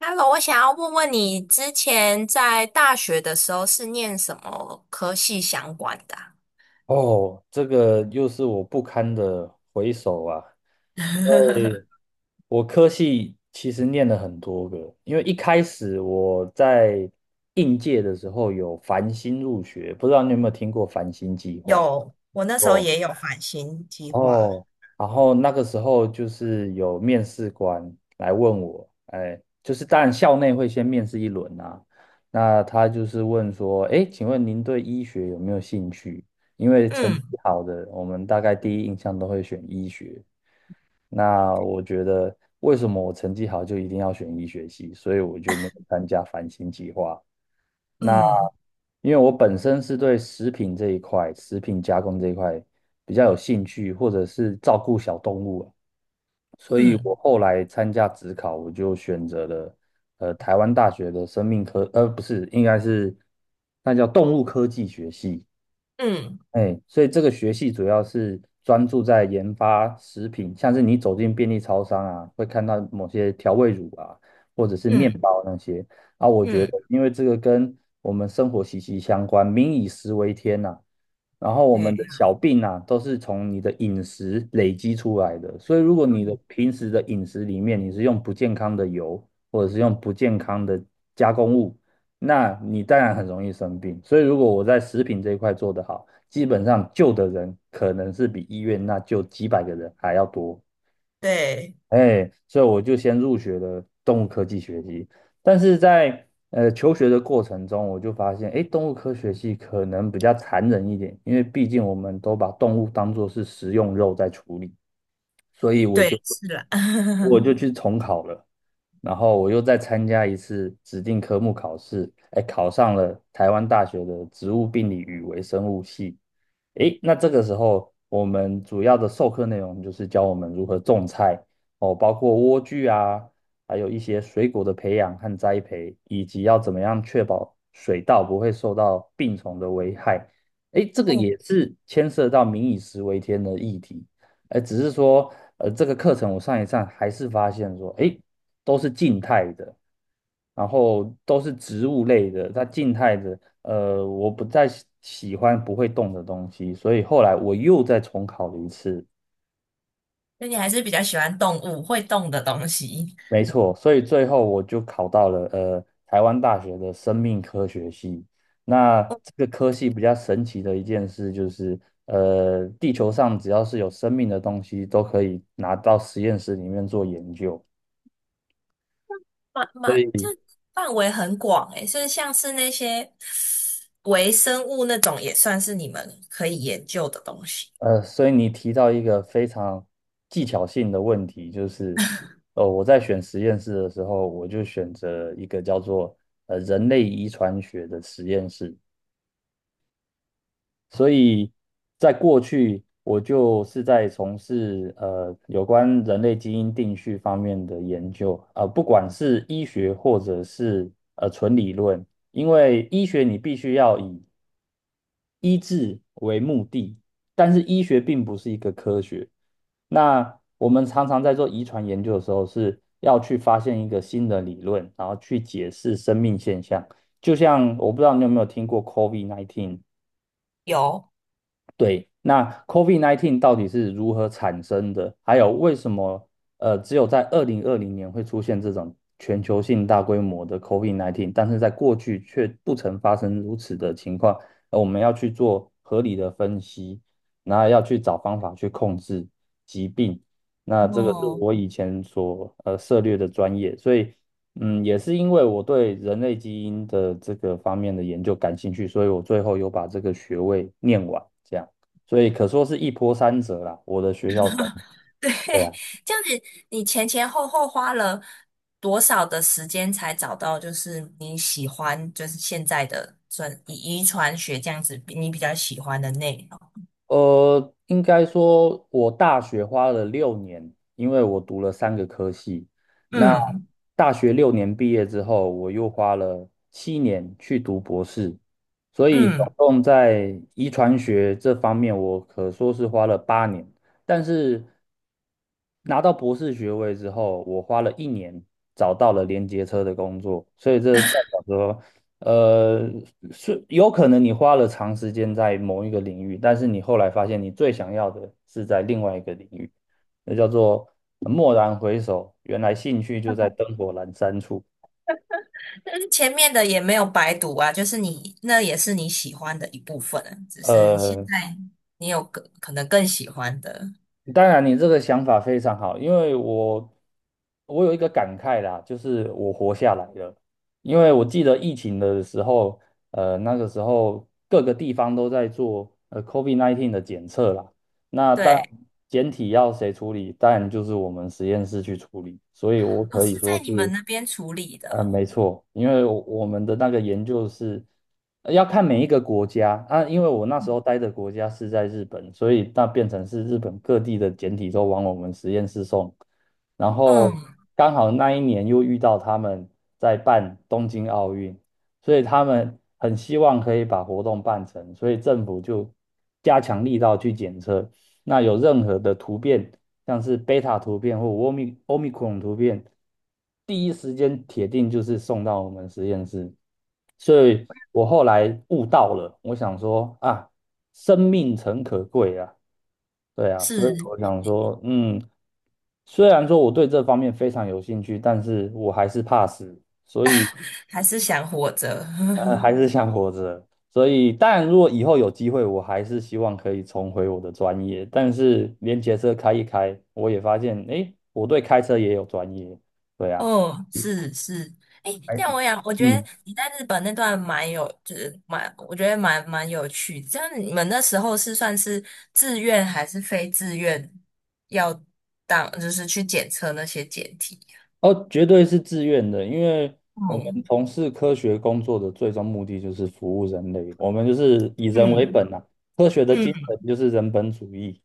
Hello，我想要问问你，之前在大学的时候是念什么科系相关的啊。 哦，这个又是我不堪的回首啊。因为 我科系其实念了很多个，因为一开始我在应届的时候有繁星入学，不知道你有没有听过繁星计划？有，我那时候哦。也有返新计划。哦，然后那个时候就是有面试官来问我，哎，就是当然校内会先面试一轮啊，那他就是问说，哎，请问您对医学有没有兴趣？因为成绩嗯好的，我们大概第一印象都会选医学。那我觉得为什么我成绩好就一定要选医学系，所以我就没有参加繁星计划。那嗯因为我本身是对食品这一块、食品加工这一块比较有兴趣，或者是照顾小动物啊，所以我嗯，后来参加职考，我就选择了台湾大学的生命科，不是，应该是那叫动物科技学系。嗯哎，所以这个学系主要是专注在研发食品，像是你走进便利超商啊，会看到某些调味乳啊，或者是面嗯包那些啊。我觉得，嗯，因为这个跟我们生活息息相关，民以食为天呐、然后我对们的啊小病啊，都是从你的饮食累积出来的。所以，如果你的嗯，平时的饮食里面你是用不健康的油，或者是用不健康的加工物，那你当然很容易生病。所以如果我在食品这一块做得好，基本上救的人可能是比医院那救几百个人还要多。对哎，所以我就先入学了动物科技学系，但是在求学的过程中，我就发现，哎，动物科学系可能比较残忍一点，因为毕竟我们都把动物当作是食用肉在处理。所以我就对，是啦。我 就去重考了，然后我又再参加一次指定科目考试，哎，考上了台湾大学的植物病理与微生物系。诶，那这个时候我们主要的授课内容就是教我们如何种菜哦，包括莴苣啊，还有一些水果的培养和栽培，以及要怎么样确保水稻不会受到病虫的危害。诶，这个哦，也是牵涉到"民以食为天"的议题。只是说，这个课程我上一上还是发现说，诶，都是静态的，然后都是植物类的，它静态的，我不再喜欢不会动的东西，所以后来我又再重考了一次。那你还是比较喜欢动物，会动的东西。没错，所以最后我就考到了台湾大学的生命科学系。那我这个科系比较神奇的一件事就是，地球上只要是有生命的东西，都可以拿到实验室里面做研究。蛮所蛮，这以。范围很广诶，所以像是那些微生物那种，也算是你们可以研究的东西。所以你提到一个非常技巧性的问题，就是，我在选实验室的时候，我就选择一个叫做人类遗传学的实验室。所以在过去，我就是在从事有关人类基因定序方面的研究，不管是医学或者是纯理论，因为医学你必须要以医治为目的，但是医学并不是一个科学。那我们常常在做遗传研究的时候，是要去发现一个新的理论，然后去解释生命现象。就像我不知道你有没有听过 COVID-19。有，对，那 COVID-19 到底是如何产生的？还有为什么只有在2020年会出现这种全球性大规模的 COVID-19，但是在过去却不曾发生如此的情况？我们要去做合理的分析，然后要去找方法去控制疾病。那这个是哦，我以前所涉猎的专业，所以也是因为我对人类基因的这个方面的研究感兴趣，所以我最后有把这个学位念完。这样。所以可说是一波三折啦。我的学校生，对，对 啊，这样子，你前前后后花了多少的时间才找到，就是你喜欢，就是现在的专以遗传学这样子，你比较喜欢的内容？应该说我大学花了六年，因为我读了三个科系。那嗯大学六年毕业之后，我又花了7年去读博士，所以总嗯 共在遗传学这方面，我可说是花了8年。但是拿到博士学位之后，我花了一年找到了连接车的工作，所以这代表说呃，是有可能你花了长时间在某一个领域，但是你后来发现你最想要的是在另外一个领域，那叫做蓦然回首，原来兴趣就在灯火阑珊处。但是前面的也没有白读啊，就是你那也是你喜欢的一部分啊，只是现呃，在你有更可能更喜欢的，当然，你这个想法非常好，因为我有一个感慨啦，就是我活下来了。因为我记得疫情的时候，那个时候各个地方都在做COVID-19 的检测啦。那当然，对，检体要谁处理，当然就是我们实验室去处理。所以我哦，可以是说在你们是那边处理的嗯，哦，没错，因为我们的那个研究是要看每一个国家啊，因为我那时候待的国家是在日本，所以那变成是日本各地的简体都往我们实验室送，然后嗯，刚好那一年又遇到他们在办东京奥运，所以他们很希望可以把活动办成，所以政府就加强力道去检测，那有任何的突变。像是贝塔图片或欧米克戎突变，第一时间铁定就是送到我们实验室。所以我后来悟到了，我想说啊，生命诚可贵啊，对啊，所以是，我想说，嗯，虽然说我对这方面非常有兴趣，但是我还是怕死，所以 还是想活着。还 是想活着。所以，当然，如果以后有机会，我还是希望可以重回我的专业。但是，连结车开一开，我也发现，诶，我对开车也有专业。对啊，哦，是是，哎，这哎，样我想，我觉得嗯，你在日本那段蛮有，就是蛮，我觉得蛮蛮有趣。这样你们那时候是算是自愿还是非自愿要当，就是去检测那些检体？哦，绝对是自愿的，因为我们哦，从事科学工作的最终目的就是服务人类，我们就是以人为嗯本啊。科学的嗯精神就是人本主义。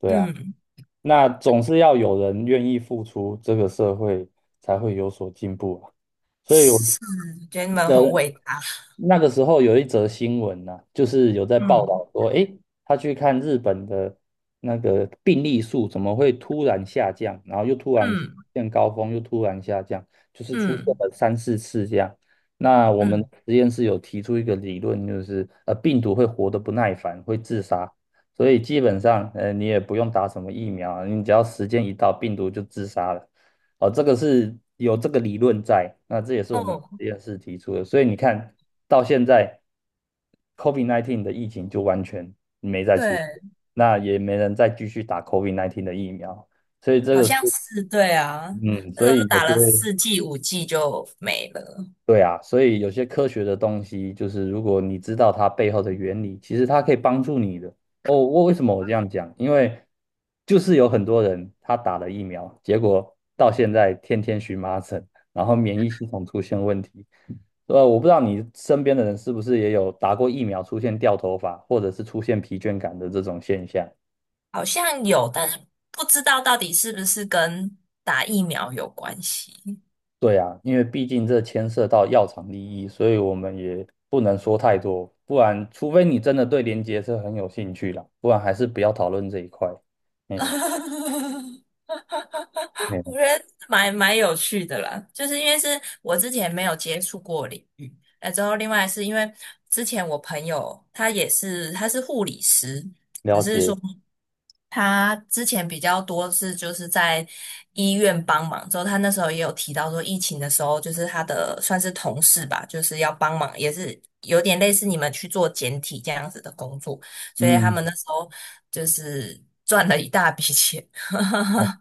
对啊，嗯，那总是要有人愿意付出，这个社会才会有所进步啊。所以我，是，觉得你们很伟大。那个时候有一则新闻呢，就是有在报嗯道说，诶，他去看日本的那个病例数怎么会突然下降，然后又突然嗯见高峰，又突然下降，就是出现嗯了三四次这样。那我们嗯，实验室有提出一个理论，就是病毒会活得不耐烦，会自杀，所以基本上你也不用打什么疫苗啊，你只要时间一到，病毒就自杀了。哦，这个是有这个理论在，那这也是我们哦，实验室提出的，所以你看到现在，COVID-19 的疫情就完全没再出对，现，那也没人再继续打 COVID-19 的疫苗，所以这好个是，像是对啊，嗯，那时所候以有打些了四剂五剂就没了。对啊，所以有些科学的东西，就是如果你知道它背后的原理，其实它可以帮助你的。哦，我为什么我这样讲？因为就是有很多人他打了疫苗，结果到现在天天荨麻疹，然后免疫系统出现问题。我不知道你身边的人是不是也有打过疫苗出现掉头发，或者是出现疲倦感的这种现象。好像有，但是不知道到底是不是跟打疫苗有关系。对啊，因为毕竟这牵涉到药厂利益，所以我们也不能说太多，不然除非你真的对连接是很有兴趣啦，不然还是不要讨论这一块。哎，哎，我觉得蛮蛮有趣的啦，就是因为是我之前没有接触过领域，那之后另外是因为之前我朋友他也是他是护理师，只了是解，说。他之前比较多是就是在医院帮忙，之后他那时候也有提到说，疫情的时候就是他的算是同事吧，就是要帮忙，也是有点类似你们去做简体这样子的工作，所以他嗯，们那时候就是赚了一大笔钱。哦，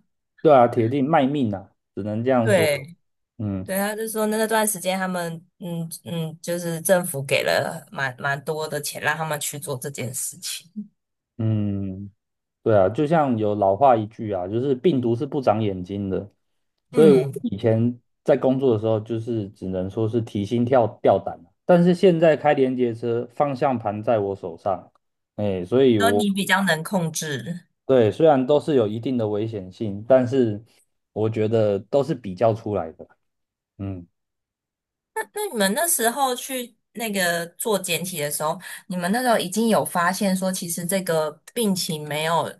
对啊，铁定卖命啊，只能这样说。对嗯。对，他就说那段时间他们就是政府给了蛮蛮多的钱让他们去做这件事情。嗯，对啊，就像有老话一句啊，就是病毒是不长眼睛的，所以我嗯，以前在工作的时候，就是只能说是提心跳吊胆啊，但是现在开连接车，方向盘在我手上，哎，所以说我你比较能控制。对虽然都是有一定的危险性，但是我觉得都是比较出来的，嗯。那你们那时候去那个做检体的时候，你们那时候已经有发现说，其实这个病情没有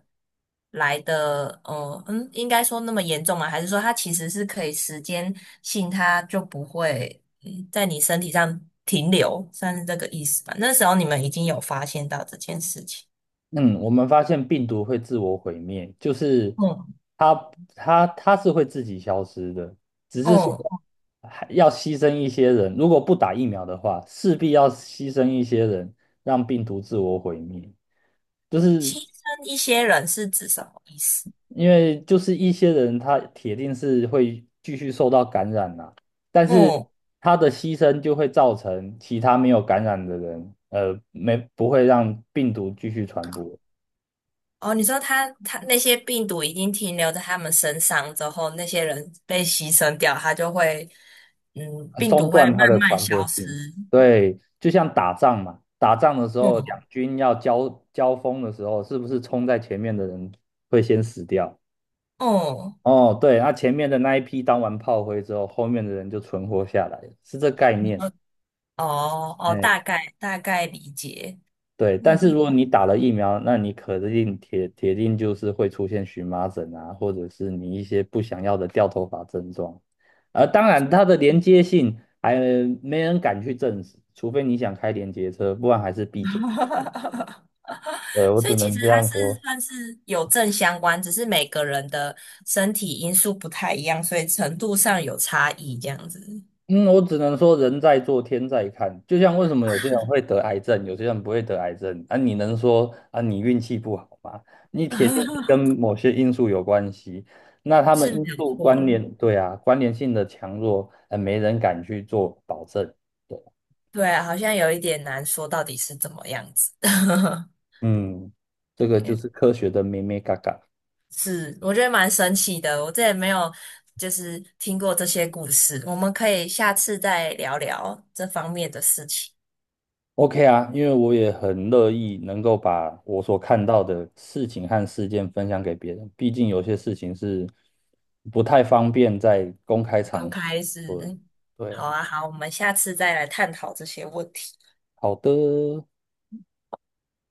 来的，应该说那么严重吗？还是说它其实是可以时间性，它就不会在你身体上停留，算是这个意思吧？那时候你们已经有发现到这件事情，嗯，我们发现病毒会自我毁灭，就是嗯它它是会自己消失的，只是说嗯，还要牺牲一些人，如果不打疫苗的话，势必要牺牲一些人，让病毒自我毁灭。就是牺牲一些人是指什么意思？因为就是一些人他铁定是会继续受到感染啦、但是嗯他的牺牲就会造成其他没有感染的人，没不会让病毒继续传播。哦，你说他那些病毒已经停留在他们身上之后，那些人被牺牲掉，他就会，病中毒会断慢它的慢传播消性。失。对，就像打仗嘛，打仗的时候，两嗯军要交锋的时候，是不是冲在前面的人会先死掉？哦，哦，对，那前面的那一批当完炮灰之后，后面的人就存活下来，是这概你念。说哦哦，大哎。概大概理解。对，但嗯，是如果你打了疫苗，那你肯定铁定就是会出现荨麻疹啊，或者是你一些不想要的掉头发症状。而当然，它的连接性还没人敢去证实，除非你想开连接车，不然还是闭嘴。对，我所以只其能实这它样是说。算是有正相关，只是每个人的身体因素不太一样，所以程度上有差异，这样子 嗯，我只能说人在做天在看，就像为什么有些人会得癌症，有些人不会得癌症啊？你能说啊你运气不好吗？你铁定是跟 某些因素有关系，那他们是因没有素错关了。联，对啊，关联性的强弱，没人敢去做保证。对，对啊好像有一点难说到底是怎么样子。嗯，这个就是科学的咩咩嘎嘎。是，我觉得蛮神奇的，我这也没有就是听过这些故事。我们可以下次再聊聊这方面的事情。OK 啊，因为我也很乐意能够把我所看到的事情和事件分享给别人，毕竟有些事情是不太方便在公开刚场开始，合。对好啊，啊，好，我们下次再来探讨这些问题。好的。